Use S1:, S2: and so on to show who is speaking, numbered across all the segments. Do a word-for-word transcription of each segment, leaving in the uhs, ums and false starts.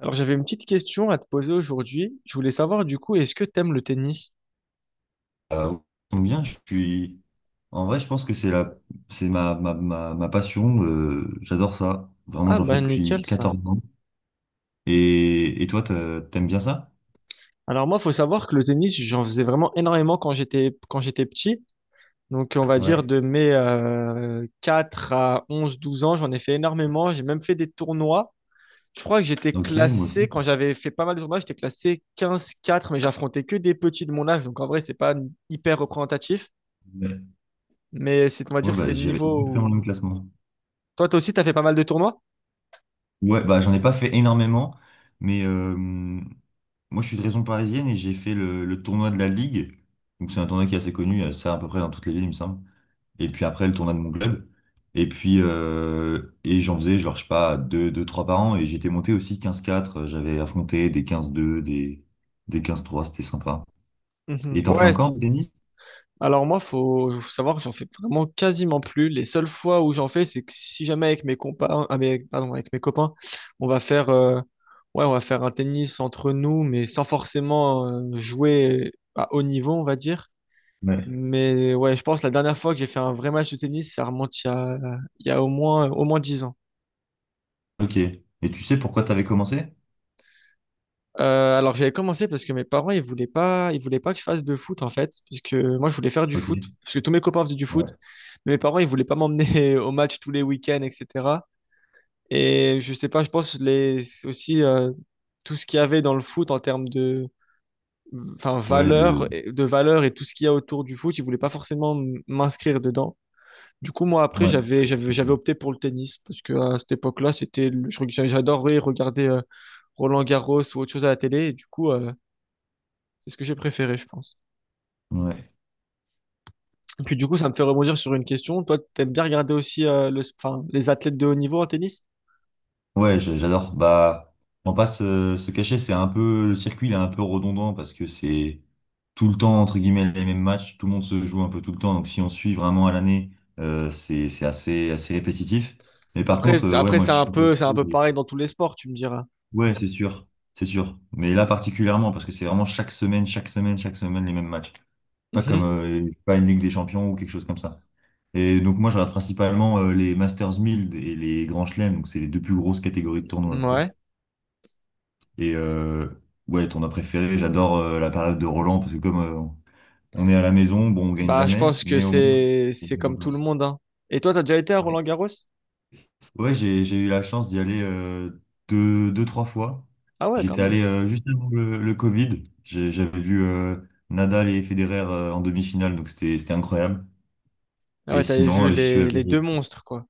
S1: Alors j'avais une petite question à te poser aujourd'hui. Je voulais savoir du coup, est-ce que t'aimes le tennis?
S2: Euh, combien je suis. En vrai, je pense que c'est la, c'est ma, ma, ma, ma passion. Euh, j'adore ça. Vraiment,
S1: Ah
S2: j'en fais
S1: bah
S2: depuis
S1: nickel ça.
S2: quatorze ans. Et, et toi, t'as- t'aimes bien ça?
S1: Alors moi, faut savoir que le tennis, j'en faisais vraiment énormément quand j'étais quand j'étais petit. Donc on va dire
S2: Ouais.
S1: de mes euh, quatre à onze douze ans, j'en ai fait énormément. J'ai même fait des tournois. Je crois que j'étais
S2: Ok, moi
S1: classé,
S2: aussi.
S1: quand j'avais fait pas mal de tournois, j'étais classé quinze quatre mais j'affrontais que des petits de mon âge. Donc en vrai, c'est pas hyper représentatif.
S2: Ouais,
S1: Mais c'est, on va dire
S2: ouais,
S1: que
S2: bah,
S1: c'était le
S2: j'avais
S1: niveau
S2: exactement le même
S1: où…
S2: classement.
S1: Toi, toi aussi, t'as fait pas mal de tournois?
S2: Ouais, bah, j'en ai pas fait énormément. Mais euh, moi, je suis de région parisienne et j'ai fait le, le tournoi de la Ligue. Donc, c'est un tournoi qui est assez connu. euh, Ça, à peu près dans toutes les villes, il me semble. Et puis après le tournoi de mon club. Et puis, euh, et j'en faisais, genre, je sais pas, deux, deux, trois par an, et j'étais monté aussi quinze quatre euh, j'avais affronté des quinze deux des, des quinze trois, c'était sympa.
S1: Mhm.
S2: Et t'en fais
S1: Ouais,
S2: encore du tennis?
S1: alors moi, faut, faut savoir que j'en fais vraiment quasiment plus. Les seules fois où j'en fais, c'est que si jamais avec mes compas, ah, mais pardon, avec mes copains, on va faire, euh, ouais, on va faire un tennis entre nous, mais sans forcément euh, jouer à haut niveau, on va dire.
S2: Ouais.
S1: Mais ouais, je pense que la dernière fois que j'ai fait un vrai match de tennis, ça remonte il y a, il y a au moins, au moins dix ans.
S2: Ok. Et tu sais pourquoi t'avais commencé?
S1: Euh, alors j'avais commencé parce que mes parents, ils voulaient pas, ils voulaient pas que je fasse de foot en fait, parce que moi je voulais faire du
S2: Ok.
S1: foot, parce que tous mes copains faisaient du foot,
S2: Ouais.
S1: mais mes parents, ils voulaient pas m'emmener au match tous les week-ends, et cetera. Et je sais pas, je pense les aussi euh, tout ce qu'il y avait dans le foot en termes de enfin
S2: Ouais,
S1: valeur,
S2: de,
S1: de valeur et tout ce qu'il y a autour du foot, ils voulaient pas forcément m- m'inscrire dedans. Du coup, moi, après,
S2: ouais,
S1: j'avais,
S2: ça peut-
S1: j'avais, j'avais opté pour le tennis parce que à cette époque-là, c'était, le- je- reg- j'a- j'adorais regarder euh, Roland Garros ou autre chose à la télé. Et du coup, euh, c'est ce que j'ai préféré, je pense.
S2: Ouais.
S1: Et puis, du coup, ça me fait rebondir sur une question. Toi, t'aimes bien regarder aussi euh, le, enfin, les athlètes de haut niveau en tennis?
S2: Ouais, j'a- j'adore. Bah, on passe euh, se cacher, c'est un peu le circuit, il est un peu redondant parce que c'est tout le temps entre guillemets les mêmes matchs, tout le monde se joue un peu tout le temps. Donc si on suit vraiment à l'année, euh, c'est c'est assez assez répétitif. Mais par
S1: Après,
S2: contre, euh, ouais,
S1: après,
S2: moi
S1: c'est
S2: je
S1: un
S2: suis
S1: peu, c'est un peu
S2: surpris.
S1: pareil dans tous les sports, tu me diras.
S2: Ouais, c'est sûr, c'est sûr. Mais là particulièrement parce que c'est vraiment chaque semaine, chaque semaine, chaque semaine les mêmes matchs. Pas comme
S1: Mhm.
S2: euh, pas une Ligue des Champions ou quelque chose comme ça. Et donc moi je regarde principalement euh, les Masters mille et les Grands Chelems, donc c'est les deux plus grosses catégories de tournois, quoi.
S1: Ouais.
S2: Et euh, ouais, ton as préféré, j'adore euh, la période de Roland parce que comme euh, on est à la maison, bon, on gagne
S1: Bah, je
S2: jamais,
S1: pense que
S2: mais au moins,
S1: c'est,
S2: il y
S1: c'est
S2: a une
S1: comme tout le
S2: ambiance.
S1: monde, hein. Et toi, t'as déjà été à
S2: Ouais,
S1: Roland Garros?
S2: ouais, j'ai, j'ai eu la chance d'y aller euh, deux, deux, trois fois.
S1: Ah ouais, quand
S2: J'étais
S1: même.
S2: allé euh, juste avant le, le Covid. J'ai- J'avais vu euh, Nadal et Federer euh, en demi-finale, donc c'était, c'était incroyable.
S1: Ah ouais,
S2: Et
S1: t'avais
S2: sinon,
S1: vu
S2: euh, j'y suis
S1: les, les deux
S2: allé.
S1: monstres, quoi.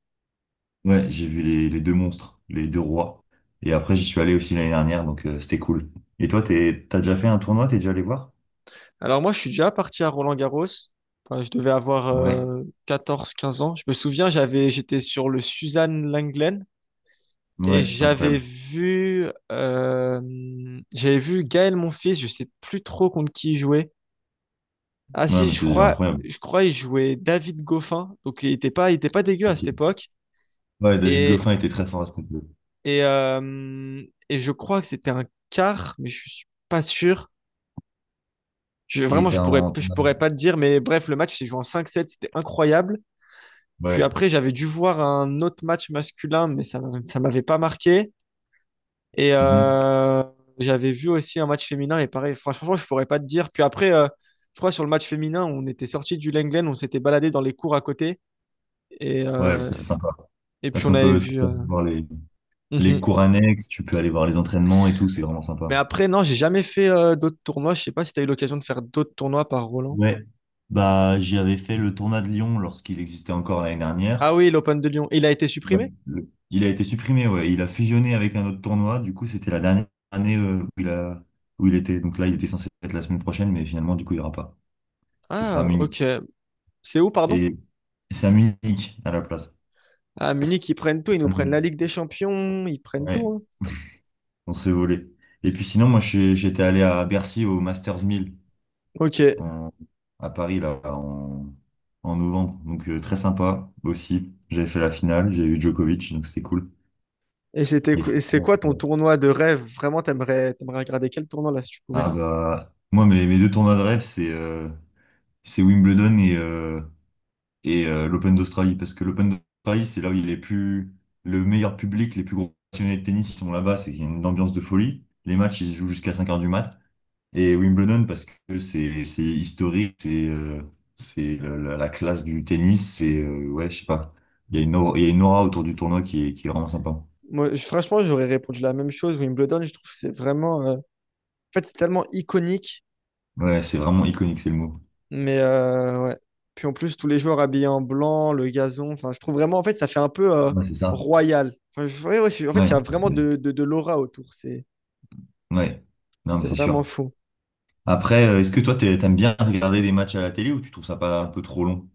S2: euh, Ouais, j'ai vu les, les deux monstres, les deux rois. Et après, j'y suis allé aussi l'année dernière, donc euh, c'était cool. Et toi, t'es, t'as déjà fait un tournoi, t'es déjà allé voir?
S1: Alors moi, je suis déjà parti à Roland-Garros. Enfin, je devais avoir
S2: Ouais.
S1: euh, quatorze quinze ans. Je me souviens, j'avais, j'étais sur le Suzanne Lenglen et
S2: Ouais,
S1: j'avais
S2: incroyable.
S1: vu, euh, j'avais vu Gaël Monfils. Je sais plus trop contre qui il jouait. Ah
S2: Ouais,
S1: si,
S2: mais
S1: je
S2: c'est déjà
S1: crois,
S2: incroyable.
S1: je crois il jouait David Goffin. Donc il était pas, il était pas dégueu à
S2: Ok.
S1: cette époque.
S2: Ouais, David
S1: Et
S2: Goffin était très fort à ce niveau.
S1: et euh, et je crois que c'était un quart, mais je suis pas sûr. Je,
S2: Et il
S1: vraiment,
S2: était
S1: je pourrais,
S2: en...
S1: je pourrais pas te dire. Mais bref, le match s'est joué en cinq sept. C'était incroyable. Puis
S2: Ouais.
S1: après, j'avais dû voir un autre match masculin, mais ça m'a- ça m'avait pas marqué. Et
S2: Mhm.
S1: euh, j'avais vu aussi un match féminin, et pareil, franchement, je pourrais pas te dire. Puis après, euh, je crois sur le match féminin, on était sorti du Lenglen, on s'était baladé dans les cours à côté, et,
S2: Ouais, ça
S1: euh,
S2: c'est sympa.
S1: et puis
S2: Parce
S1: on
S2: qu'on
S1: avait
S2: peut, tu
S1: vu.
S2: peux
S1: euh,
S2: aller voir les, les
S1: Mhm.
S2: cours annexes, tu peux aller voir les entraînements et tout, c'est vraiment sympa.
S1: Mais après, non, j'ai jamais fait euh, d'autres tournois. Je sais pas si tu as eu l'occasion de faire d'autres tournois par Roland.
S2: Ouais. Bah, j'y avais fait le tournoi de Lyon lorsqu'il existait encore l'année dernière.
S1: Ah oui, l'Open de Lyon. Il a été
S2: Ouais.
S1: supprimé?
S2: Le- Il a été supprimé, ouais. Il a fusionné avec un autre tournoi. Du coup, c'était la dernière année euh, où il a, où il était. Donc là, il était censé être la semaine prochaine, mais finalement, du coup, il n'y aura pas. Ce sera à
S1: Ah,
S2: Munich.
S1: ok. C'est où, pardon?
S2: Et c'est à Munich à la place.
S1: À Munich, ils prennent tout, ils nous prennent
S2: Allemagne.
S1: la Ligue des Champions, ils prennent tout,
S2: Ouais,
S1: hein.
S2: on s'est volé. Et puis sinon, moi, je- j'étais allé à Bercy au Masters mille
S1: Ok.
S2: en- à Paris, là, en, en novembre. Donc, euh, très sympa aussi. J'avais fait la finale, j'ai eu Djokovic, donc c'était cool.
S1: Et c'était,
S2: Et
S1: qu- et c'est
S2: franchement,
S1: quoi ton
S2: euh,
S1: tournoi de rêve? Vraiment, t'aimerais, t'aimerais regarder quel tournoi là si tu pouvais?
S2: ah bah, moi, mes, mes deux tournois de rêve, c'est euh, c'est Wimbledon et, euh, et euh, l'Open d'Australie, parce que l'Open d'Australie, c'est là où il est plus le meilleur public, les plus gros passionnés de tennis, ils sont là-bas, c'est qu'il y a une ambiance de folie. Les matchs, ils se jouent jusqu'à cinq heures du mat. Et Wimbledon, parce que c'est c'est historique, c'est euh, c'est la, la- la classe du tennis, c'est, euh, ouais, je sais pas, il y a une aura, il y a une aura autour du tournoi qui est, qui est vraiment sympa.
S1: Moi, je- franchement, j'aurais répondu la même chose. Wimbledon, je trouve que c'est vraiment. euh, En fait, c'est tellement iconique.
S2: Ouais, c'est vraiment iconique, c'est le mot.
S1: Mais euh, ouais. Puis en plus, tous les joueurs habillés en blanc, le gazon. Enfin, je trouve vraiment, en fait, ça fait un peu euh,
S2: Ouais, c'est ça.
S1: royal. Enfin, je- ouais, ouais, je- en fait,
S2: Ouais,
S1: il y a vraiment
S2: c'est-
S1: de, de, de l'aura autour. C'est,
S2: ouais. Non, mais
S1: c'est
S2: c'est
S1: vraiment
S2: sûr.
S1: fou.
S2: Après, euh, est-ce que toi, t'es- t'aimes bien regarder des matchs à la télé ou tu trouves ça pas un peu trop long?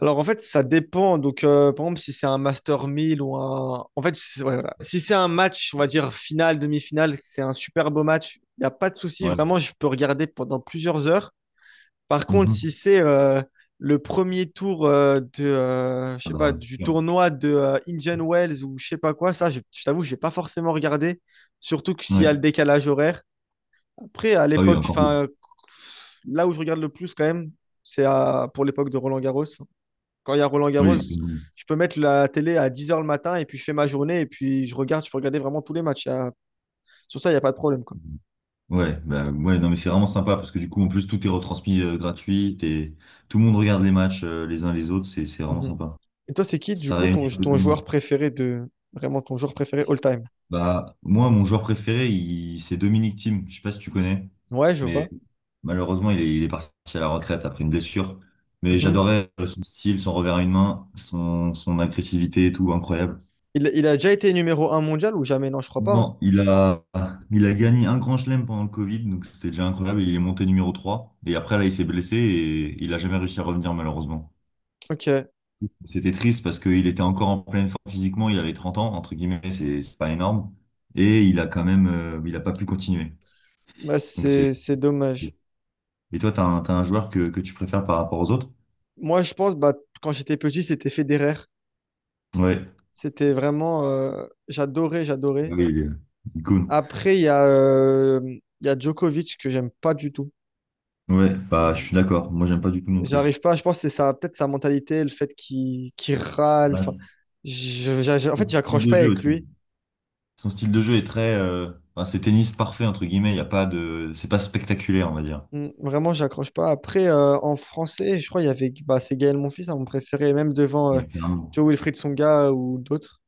S1: Alors en fait, ça dépend. Donc euh, par exemple, si c'est un Master mille ou un… En fait, c'est- ouais, voilà. Si c'est un match, on va dire finale, demi-finale, c'est un super beau match, il n'y a pas de souci.
S2: Ouais.
S1: Vraiment, je peux regarder pendant plusieurs heures. Par contre, si
S2: Mm-hmm.
S1: c'est euh, le premier tour euh, de, euh, je
S2: Ah
S1: sais pas,
S2: bah, c'est
S1: du
S2: sûr.
S1: tournoi de euh, Indian Wells ou je sais pas quoi, ça, je, je t'avoue, je vais pas forcément regarder. Surtout que s'il y a le
S2: Ouais.
S1: décalage horaire. Après, à
S2: Ah oui,
S1: l'époque,
S2: encore plus.
S1: enfin, là où je regarde le plus quand même, c'est à- pour l'époque de Roland Garros. Quand il y a Roland Garros,
S2: Oui.
S1: je peux mettre la télé à dix heures le matin et puis je fais ma journée et puis je regarde, je peux regarder vraiment tous les matchs. Il y a- sur ça, il n'y a pas de problème, quoi.
S2: Ouais, bah ouais, non mais c'est vraiment sympa parce que du coup en plus tout est retransmis euh, gratuit et tout le monde regarde les matchs euh, les uns les autres, c'est c'est vraiment
S1: Mhm.
S2: sympa.
S1: Et toi, c'est qui, du
S2: Ça
S1: coup,
S2: réunit
S1: ton,
S2: un peu
S1: ton
S2: tout le monde.
S1: joueur préféré de… Vraiment ton joueur préféré all-time?
S2: Bah moi mon joueur préféré il- c'est Dominic Thiem, je sais pas si tu connais,
S1: Ouais, je vois.
S2: mais malheureusement il est, il est parti à la retraite après une blessure. Mais
S1: Mhm.
S2: j'adorais euh, son style, son revers à une main, son, son agressivité et tout, incroyable.
S1: Il, il a déjà été numéro un mondial ou jamais? Non, je crois pas, hein.
S2: Non, il a, il a gagné un grand chelem pendant le Covid, donc c'était déjà incroyable. Il est monté numéro trois. Et après, là, il s'est blessé et il a jamais réussi à revenir, malheureusement.
S1: Ok,
S2: C'était triste parce qu'il était encore en pleine forme physiquement. Il avait 30 ans, entre guillemets, c'est c'est pas énorme. Et il a quand même, euh, il a pas pu continuer.
S1: bah,
S2: Donc c'est.
S1: c'est, c'est dommage.
S2: Et toi, t'as un, t'as un joueur que, que tu préfères par rapport aux autres?
S1: Moi, je pense, bah, quand j'étais petit, c'était Federer.
S2: Ouais.
S1: C'était vraiment… euh, j'adorais, j'adorais.
S2: Oui, il est il est cool.
S1: Après, il y a, euh, il y a Djokovic que j'aime pas du tout.
S2: Ouais, bah, je suis d'accord. Moi, j'aime pas du tout non plus.
S1: J'arrive pas, je pense que c'est ça, peut-être sa mentalité, le fait qu'il qu'il râle.
S2: Bah,
S1: Enfin,
S2: c'est
S1: je- j'a- j'a- en
S2: son
S1: fait,
S2: style
S1: j'accroche
S2: de
S1: pas
S2: jeu
S1: avec
S2: aussi.
S1: lui.
S2: Son style de jeu est très, euh, enfin, c'est tennis parfait entre guillemets. Il y a pas de, C'est pas spectaculaire, on va dire.
S1: Mm, vraiment, j'accroche pas. Après, euh, en français, je crois qu'il y avait bah, c'est Gaël Monfils, hein, mon préféré, même devant euh,
S2: Ouais, clairement.
S1: Joe Wilfried Songa ou d'autres.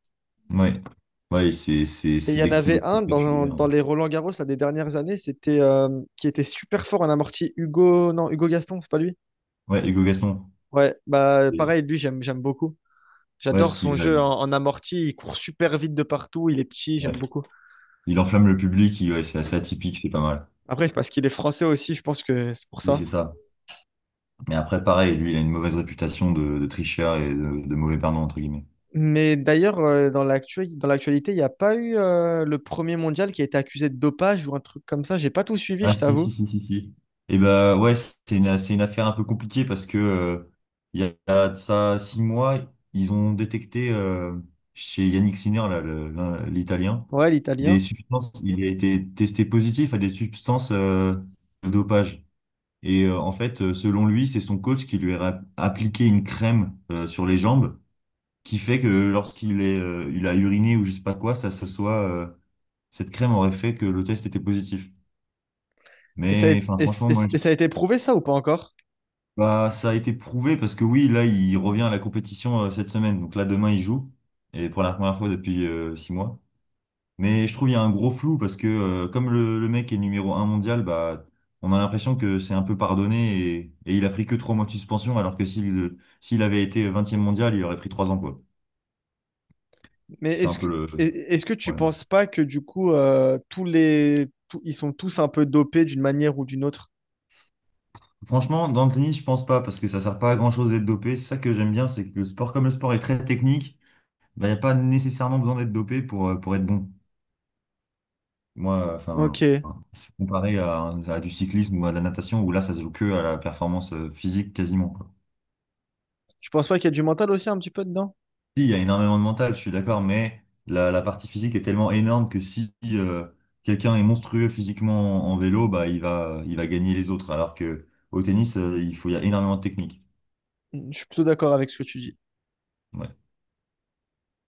S2: Ouais, ouais, c'est c'est
S1: Et il
S2: c'est
S1: y en
S2: des
S1: avait
S2: coups
S1: un dans,
S2: spectaculaires.
S1: dans les Roland-Garros là, des dernières années, c'était euh, qui était super fort en amorti, Hugo, non, Hugo Gaston, c'est pas lui?
S2: Ouais, Hugo Gaston.
S1: Ouais, bah pareil, lui, j'aime j'aime beaucoup.
S2: Ouais, parce
S1: J'adore son
S2: qu'il
S1: jeu
S2: euh,
S1: en, en amorti, il court super vite de partout, il est petit,
S2: ouais.
S1: j'aime beaucoup.
S2: Il enflamme le public. Il- ouais, c'est assez atypique, c'est pas mal.
S1: Après, c'est parce qu'il est français aussi, je pense que c'est pour
S2: Oui,
S1: ça.
S2: c'est ça. Et après, pareil, lui, il a une mauvaise réputation de, de tricheur et de, de mauvais perdant entre guillemets.
S1: Mais d'ailleurs, euh, dans l'actu- dans l'actualité, il n'y a pas eu euh, le premier mondial qui a été accusé de dopage ou un truc comme ça. J'ai pas tout suivi,
S2: Ah
S1: je
S2: si, si,
S1: t'avoue.
S2: si, si, si. Et
S1: Je-
S2: ben ouais, c'est une, c'est une affaire un peu compliquée parce que euh, il y a de ça six mois, ils ont détecté euh, chez Yannick Sinner, là, le- l'un- l'Italien,
S1: Ouais,
S2: des
S1: l'italien.
S2: substances, il a été testé positif à des substances euh, de dopage. Et euh, en fait, euh, selon lui, c'est son coach qui lui a ra- appliqué une crème euh, sur les jambes qui fait que lorsqu'il est, euh, il a uriné ou je sais pas quoi, ça, ça soit, euh, cette crème aurait fait que le test était positif.
S1: Et ça, a,
S2: Mais
S1: été-
S2: enfin,
S1: et,
S2: franchement,
S1: et-
S2: moi,
S1: et- ça a été prouvé, ça, ou pas encore?
S2: bah, ça a été prouvé parce que oui, là, il revient à la compétition euh, cette semaine. Donc là, demain, il joue. Et pour la première fois depuis euh, six mois. Mais je trouve il y a un gros flou parce que euh, comme le, le mec est numéro un mondial, bah, on a l'impression que c'est un peu pardonné et, et il a pris que trois mois de suspension alors que s'il euh, s'il avait été vingtième mondial, il aurait pris trois ans, quoi.
S1: Mais
S2: C'est ça un
S1: est-ce
S2: peu
S1: que,
S2: le
S1: et-
S2: le
S1: est-ce que tu
S2: problème.
S1: penses pas que du coup, euh, tous les, tous- ils sont tous un peu dopés d'une manière ou d'une autre?
S2: Franchement, dans le tennis, je pense pas parce que ça sert pas à grand-chose d'être dopé. C'est ça que j'aime bien, c'est que le sport, comme le sport est très technique, bah, il n'y a pas nécessairement besoin d'être dopé pour, euh, pour être bon. Moi,
S1: Ok.
S2: enfin, c'est comparé à, à du cyclisme ou à de la natation, où là, ça se joue que à la performance euh, physique quasiment, quoi.
S1: Tu penses pas qu'il y a du mental aussi un petit peu dedans?
S2: Si, il y a énormément de mental, je suis d'accord, mais la, la partie physique est tellement énorme que si euh, quelqu'un est monstrueux physiquement en, en vélo, bah, il va, il va gagner les autres, alors que au tennis, euh, il faut, il y a énormément de technique.
S1: Je suis plutôt d'accord avec ce que tu dis.
S2: Ouais.